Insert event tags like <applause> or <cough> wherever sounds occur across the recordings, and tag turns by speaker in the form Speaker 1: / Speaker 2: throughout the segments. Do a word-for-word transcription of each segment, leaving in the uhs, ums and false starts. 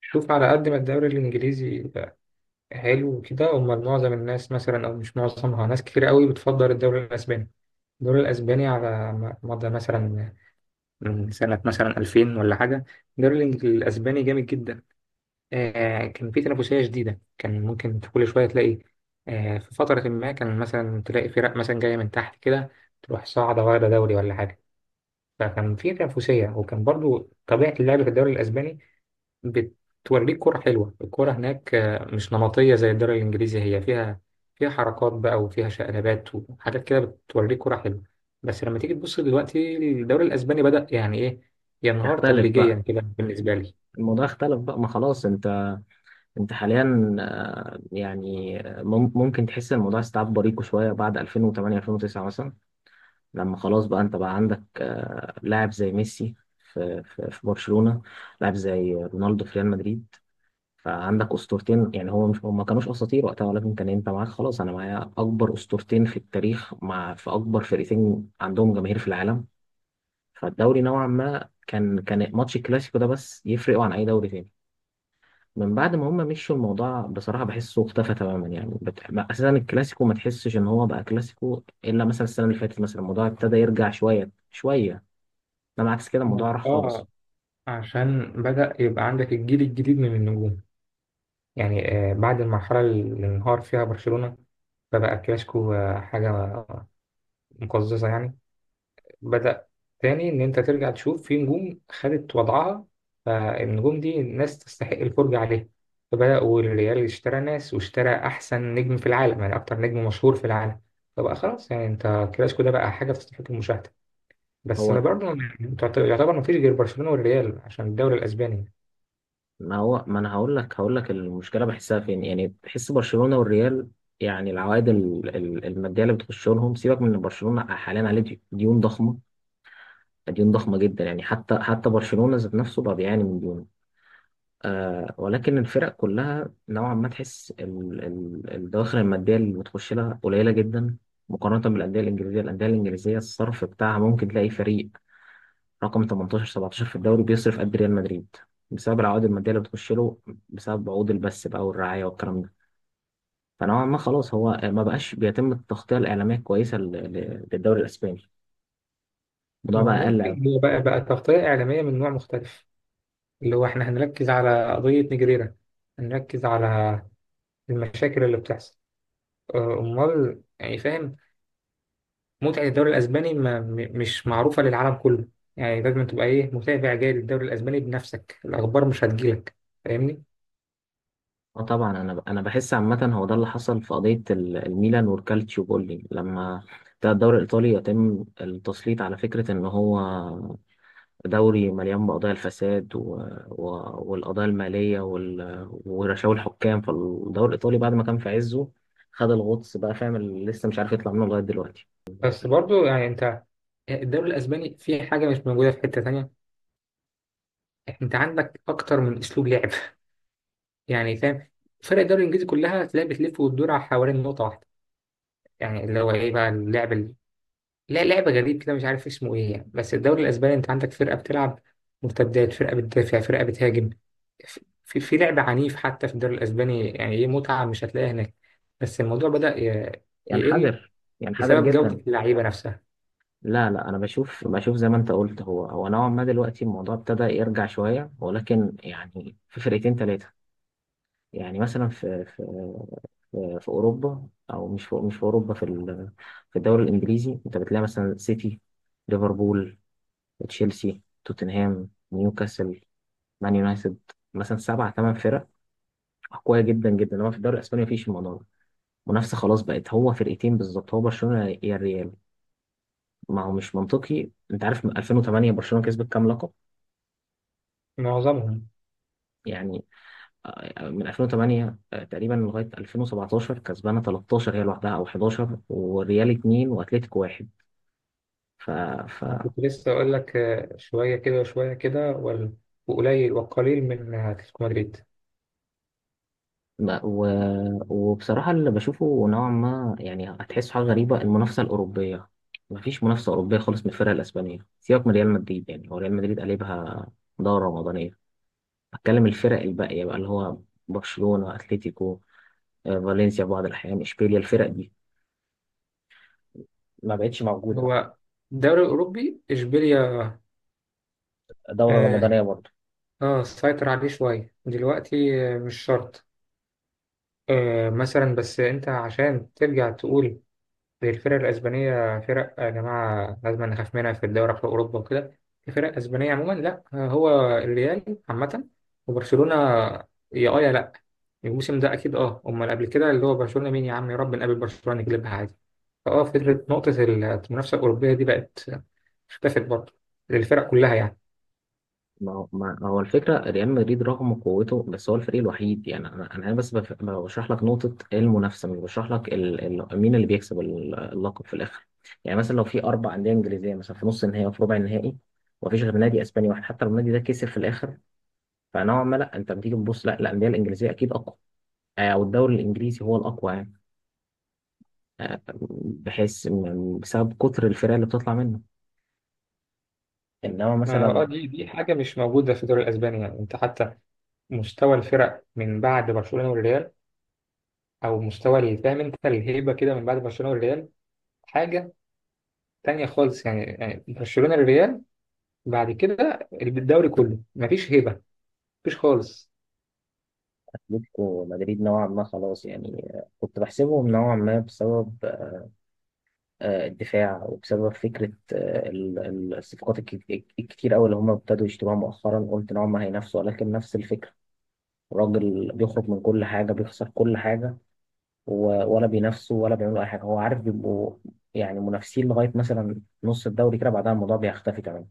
Speaker 1: شوف، على قد ما الدوري الإنجليزي حلو وكده. أمال معظم الناس مثلا، أو مش معظمها، ناس كتير قوي بتفضل الدوري الأسباني. الدوري الأسباني على م- مدى مثلا، من سنة مثلا ألفين ولا حاجة الدوري الإنج- الأسباني جامد جدا. آه، كان في تنافسية شديدة، كان ممكن في كل شوية تلاقي، آه، في فترة ما كان مثلا تلاقي فرق مثلا جاية من تحت كده تروح صاعدة واخدة دوري ولا حاجة. فكان في تنافسية، وكان برضو طبيعة اللعب في الدوري الأسباني بتوريك كرة حلوة. الكرة هناك آه، مش نمطية زي الدوري الإنجليزي. هي فيها، فيها حركات بقى، وفيها شقلبات وحاجات كده، بتوريك كرة حلوة. بس لما تيجي تبص دلوقتي الدوري الأسباني بدأ يعني إيه، ينهار
Speaker 2: اختلف
Speaker 1: تدريجيا
Speaker 2: بقى.
Speaker 1: كده بالنسبة لي.
Speaker 2: الموضوع اختلف بقى ما خلاص انت انت حاليا، آه، يعني آه، مم- ممكن تحس ان الموضوع استيعاب بريقه شويه بعد ألفين وتمنية ألفين وتسعة مثلا. لما خلاص بقى انت بقى عندك، آه، لاعب زي ميسي في في في برشلونه، لاعب زي رونالدو في ريال مدريد. فعندك اسطورتين، يعني هو مش هم كانوش اساطير وقتها، ولكن كان انت معاك خلاص، انا معايا اكبر اسطورتين في التاريخ مع في اكبر فرقتين عندهم جماهير في العالم. فالدوري نوعا ما كان كان ماتش الكلاسيكو ده بس يفرقوا عن اي دوري تاني. من بعد ما هم مشوا الموضوع بصراحة بحسه اختفى تماما، يعني بت... ما- أساسا الكلاسيكو ما تحسش إن هو بقى كلاسيكو إلا مثلا السنة اللي فاتت، مثلا الموضوع ابتدى يرجع شوية شوية، إنما عكس كده الموضوع
Speaker 1: ما-
Speaker 2: راح خالص.
Speaker 1: آه، عشان بدأ يبقى عندك الجيل الجديد من النجوم. يعني آه، بعد المرحلة اللي انهار فيها برشلونة فبقى الكلاسيكو آه، حاجة مقززة يعني. بدأ تاني إن أنت ترجع تشوف في نجوم خدت وضعها، فالنجوم دي الناس تستحق الفرجة عليها. فبدأوا الريال اشترى ناس، واشترى أحسن نجم في العالم، يعني أكتر نجم مشهور في العالم. فبقى خلاص يعني أنت كلاسيكو ده بقى حاجة تستحق المشاهدة. بس ما
Speaker 2: هو
Speaker 1: برضه يعني تعت- يعتبر ما فيش غير برشلونة والريال عشان الدوري الأسباني.
Speaker 2: ما هو ما أنا هقول لك هقول لك المشكلة بحسها فين، يعني بحس برشلونة والريال يعني العوائد ال- ال- المادية اللي بتخش لهم، سيبك من إن برشلونة حاليا عليه ديون ضخمة، ديون ضخمة جدا. يعني حتى حتى برشلونة ذات نفسه بقى بيعاني من ديون. آه، ولكن الفرق كلها نوعا ما تحس ال- ال- الدواخر المادية اللي بتخش لها قليلة جدا مقارنة بالأندية الإنجليزية. الأندية الإنجليزية الصرف بتاعها ممكن تلاقي فريق رقم ثمانية عشر سبعتاشر في الدوري بيصرف قد ريال مدريد، بسبب العوائد المادية اللي بتخش له، بسبب عقود البث بقى والرعاية والكلام ده. فنوعا ما خلاص هو ما بقاش بيتم التغطية الإعلامية الكويسة لل- لل- للدوري الإسباني، الموضوع
Speaker 1: ما
Speaker 2: بقى
Speaker 1: هو
Speaker 2: أقل.
Speaker 1: ممكن هو بقى بقى تغطية إعلامية من نوع مختلف، اللي هو إحنا هنركز على قضية نجريرة، هنركز على المشاكل اللي بتحصل، آه، أمال، يعني فاهم؟ متعة الدوري الأسباني ما م- مش معروفة للعالم كله. يعني لازم تبقى إيه، متابع جاي للدوري الأسباني بنفسك، الأخبار مش هتجيلك. فاهمني؟
Speaker 2: اه طبعا، انا انا بحس عامه هو ده اللي حصل في قضيه ال- الميلان والكالتشيو بولي، لما ده الدوري الايطالي يتم التسليط على فكره ان هو دوري مليان بقضايا الفساد و... و... والقضايا الماليه وال... ورشاوي الحكام. فالدوري الايطالي بعد ما كان في عزه خد الغطس بقى، فاهم؟ اللي لسه مش عارف يطلع منه لغايه دلوقتي.
Speaker 1: بس برضو يعني أنت الدوري الأسباني فيه حاجة مش موجودة في حتة تانية. أنت عندك أكتر من أسلوب لعب. <laughs> يعني فاهم؟ فرق الدوري الإنجليزي كلها تلاقي بتلف وتدور على حوالين نقطة واحدة، يعني اللي هو إيه بقى اللعب، لا لعبة غريب كده مش عارف اسمه ايه يعني. بس الدوري الاسباني انت عندك فرقة بتلعب مرتدات، فرقة بتدافع، فرقة بتهاجم. في في لعب عنيف حتى في الدوري الاسباني. يعني ايه، متعة مش هتلاقيها هناك. بس الموضوع بدأ ي- يقل
Speaker 2: ينحدر، ينحدر
Speaker 1: بسبب جودة
Speaker 2: جدا.
Speaker 1: اللعيبة نفسها.
Speaker 2: لا لا انا بشوف بشوف زي ما انت قلت، هو هو نوعا ما دلوقتي الموضوع ابتدى يرجع شويه، ولكن يعني في فرقتين ثلاثه. يعني مثلا في في في في اوروبا، او مش في، مش في اوروبا في ال- في الدوري الانجليزي انت بتلاقي مثلا سيتي، ليفربول، تشيلسي، توتنهام، نيوكاسل، مان يونايتد، مثلا سبع ثمان فرق قوية جدا جدا، انما في الدوري الاسباني مفيش الموضوع ده. منافسة خلاص بقت هو فرقتين بالظبط، هو برشلونة يا الريال. ما هو مش منطقي، انت عارف من ألفين وتمنية برشلونة كسبت كام لقب؟
Speaker 1: معظمهم يعني.
Speaker 2: يعني، آه، من ألفين وتمنية تقريبا لغايه ألفين وسبعتاشر كسبانه تلتاشر هي لوحدها، او حداشر والريال اتنين واتلتيكو واحد. ف ف
Speaker 1: انا كنت لسه اقول لك آه، شوية كده وشوية كده، وال- وقليل، والقليل من آه، اتلتيكو مدريد.
Speaker 2: ما- و... وبصراحه اللي بشوفه نوعا ما، يعني هتحس حاجه غريبه، المنافسه الاوروبيه مفيش منافسه اوروبيه خالص من الفرق الاسبانيه. سيبك من ريال مدريد، يعني هو ريال مدريد قلبها دوره رمضانيه. بتكلم الفرق الباقيه بقى اللي هو برشلونه، اتلتيكو، آه، فالنسيا في بعض الاحيان، اشبيليا، الفرق دي ما بقتش موجوده
Speaker 1: هو الدوري الاوروبي اشبيليا.
Speaker 2: دوره
Speaker 1: اه،
Speaker 2: رمضانيه.
Speaker 1: آه، سيطر عليه شوية دلوقتي، آه، مش شرط. آه، مثلا، بس انت عشان ترجع تقول زي الفرق الاسبانيه فرق يا جماعه لازم نخاف منها في الدوري في اوروبا وكده، في فرق اسبانيه عموما، لا. آه، هو الريال عامه وبرشلونه، يا اه يا لا. الموسم ده اكيد، اه، امال قبل كده اللي هو برشلونه مين؟ يا عم يا رب نقابل برشلونه نجلبها عادي. فاه، فكره نقطه المنافسه الاوروبيه دي بقت، اختفت برضه للفرق كلها يعني.
Speaker 2: ما هو ما هو الفكرة ريال مدريد رغم قوته بس هو الفريق الوحيد. يعني أنا أنا بس بف- بشرح لك نقطة المنافسة، مش بشرح لك ال... ال... مين اللي بيكسب ال- اللقب في الآخر. يعني مثلا لو في أربع أندية إنجليزية مثلا في نص النهائي وفي ربع النهائي، ومفيش غير نادي أسباني واحد، حتى لو النادي ده كسب في الآخر فنوعا ما لا، أنت بتيجي تبص لا الأندية الإنجليزية أكيد أقوى، آه، أو الدوري الإنجليزي هو الأقوى، يعني، آه، بحيث إن- بسبب كتر الفرق اللي بتطلع منه، إنما مثلا
Speaker 1: اه، دي دي حاجه مش موجوده في الدوري الاسباني. يعني انت حتى مستوى الفرق من بعد برشلونه والريال، او مستوى ال- فاهم انت الهيبه كده من بعد برشلونه والريال، حاجه تانية خالص يعني. يعني برشلونه الريال، بعد كده الدوري كله مفيش هيبه، مفيش خالص.
Speaker 2: أتلتيكو مدريد نوعا ما خلاص. يعني، آه، كنت بحسبهم نوعا ما بسبب، آه، الدفاع، وبسبب فكرة، آه، ال- ال- الصفقات الك- الكتير أوي اللي هم ابتدوا يشتروها مؤخرا، قلت إن هم هينافسوا، ولكن نفس الفكرة. الراجل بيخرج من كل حاجة، بيخسر كل حاجة، و- ولا بينافسوا ولا بيعملوا أي حاجة. هو عارف بيبقوا يعني منافسين لغاية مثلا نص الدوري كده، بعدها الموضوع بيختفي كمان.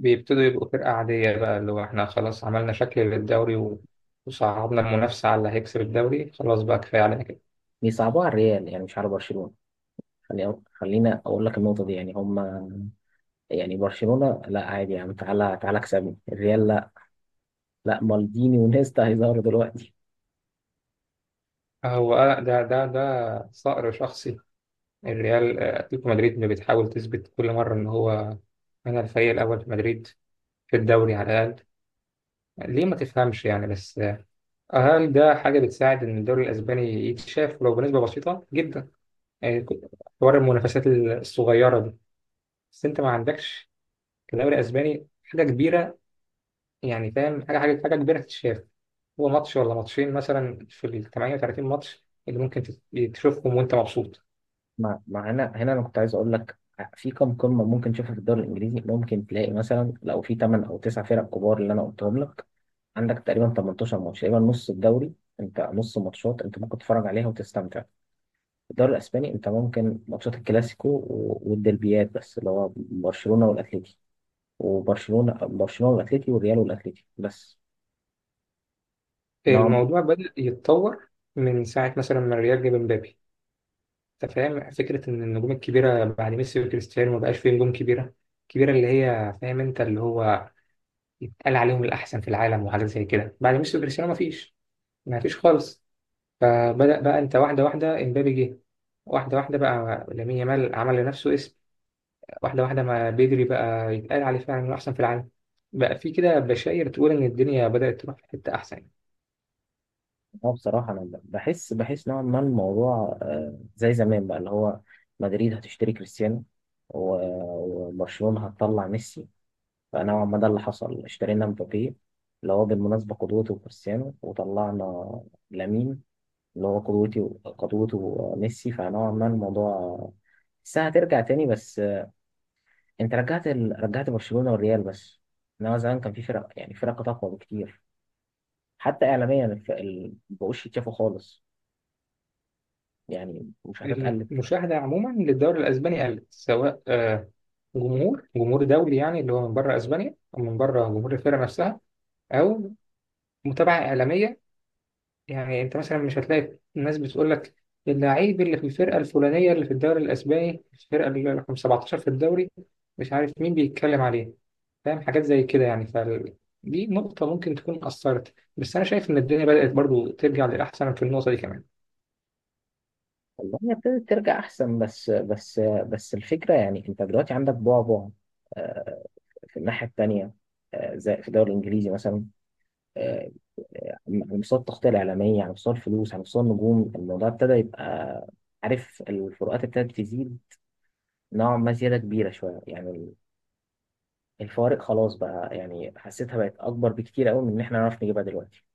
Speaker 1: بيبتدوا يبقوا فرقه عاديه بقى، اللي هو احنا خلاص عملنا شكل للدوري و- وصعبنا المنافسه على اللي هيكسب الدوري، خلاص بقى كفايه علينا كده.
Speaker 2: بيصعبوها على الريال يعني، مش على برشلونة. خلي- خلينا أقول لك النقطة دي. يعني هم، يعني برشلونة لا عادي، يعني تعالى تعالى اكسبني الريال لا، لا مالديني ونيستا هيظهروا دلوقتي.
Speaker 1: هو آه، ده ده ده صقر شخصي، الريال آه، اتلتيكو مدريد اللي بتحاول تثبت كل مره ان هو انا الفريق الاول في مدريد، في الدوري على الاقل. ليه ما تفهمش يعني؟ بس أهم ده حاجة بتساعد إن الدوري الأسباني يتشاف ولو بنسبة بسيطة جدا، يعني حوار المنافسات الصغيرة دي. بس أنت ما عندكش في الدوري الأسباني حاجة كبيرة، يعني فاهم؟ حاجة حاجة حاجة كبيرة تتشاف. هو ماتش ولا ماتشين مثلا في ال ثمانية وثلاثين ماتش اللي ممكن تت- تشوفهم وأنت مبسوط.
Speaker 2: ما ما هنا هنا انا كنت عايز اقول لك في كم قمه ممكن تشوفها؟ في الدوري الانجليزي ممكن تلاقي مثلا، لو في تمنية او تسعة فرق كبار اللي انا قلتهم لك، عندك تقريبا تمنتاشر ماتش، تقريبا نص الدوري، انت نص ماتشات انت ممكن تتفرج عليها وتستمتع. في الدوري الاسباني انت ممكن ماتشات الكلاسيكو و- والديربيات بس، اللي هو برشلونه والاتليتي وبرشلونه برشلونه والاتليتي والريال والاتليتي بس. نوع.
Speaker 1: الموضوع بدأ يتطور من ساعة مثلا ما الريال جاب مبابي. أنت فاهم فكرة إن النجوم الكبيرة بعد ميسي وكريستيانو ما بقاش فيه نجوم كبيرة كبيرة، اللي هي فاهم أنت اللي هو يتقال عليهم الأحسن في العالم وحاجات زي كده؟ بعد ميسي وكريستيانو مفيش، مفيش خالص. فبدأ بقى أنت واحدة واحدة إمبابي جه، واحدة واحدة بقى لامين يامال عمل لنفسه اسم، واحدة واحدة ما بدري بقى يتقال عليه فعلا إنه أحسن في العالم. بقى في كده بشاير تقول إن الدنيا بدأت تروح في حتة أحسن.
Speaker 2: اه بصراحة أنا ب- بحس، بحس نوعا ما الموضوع، آه، زي زمان بقى، اللي هو مدريد هتشتري كريستيانو، و- وبرشلونة هتطلع ميسي. فنوعا ما ده اللي حصل، اشترينا مبابي اللي هو بالمناسبة قدوته وكريستيانو، وطلعنا لامين اللي هو قدوتي، قدوته ميسي. فنوعا ما الموضوع الساعة هترجع تاني، بس، آه، انت رجعت ال... رجعت برشلونة والريال بس، انما زمان كان في فرق يعني فرق اقوى بكتير. حتى اعلاميا الف- ال- مبقوش يتشافوا خالص، يعني مش هتتقلب.
Speaker 1: المشاهدة عموما للدوري الأسباني قلت، سواء آه، جمهور جمهور دولي يعني اللي هو من بره أسبانيا، أو من بره جمهور الفرقة نفسها، أو متابعة إعلامية. يعني انت مثلا مش هتلاقي الناس بتقول لك اللعيب اللي في الفرقه الفلانيه اللي في الدوري الاسباني، الفرقه اللي رقم سبعتاشر في الدوري، مش عارف مين بيتكلم عليه، فاهم حاجات زي كده يعني. فال... دي نقطه ممكن تكون اثرت، بس انا شايف ان الدنيا بدات برضو ترجع للاحسن في النقطه دي كمان.
Speaker 2: والله هي ابتدت ترجع احسن، بس بس بس الفكره يعني انت دلوقتي عندك بعبع، آه، في الناحيه التانيه، آه، زي في الدوري الانجليزي مثلا، آه، على مستوى التغطيه الاعلاميه، على مستوى الفلوس، على مستوى النجوم، الموضوع ابتدى يبقى، عارف، الفروقات ابتدت تزيد نوعا ما زياده كبيره شويه، يعني الفوارق خلاص بقى يعني حسيتها بقت اكبر بكتير قوي من ان احنا نعرف نجيبها دلوقتي.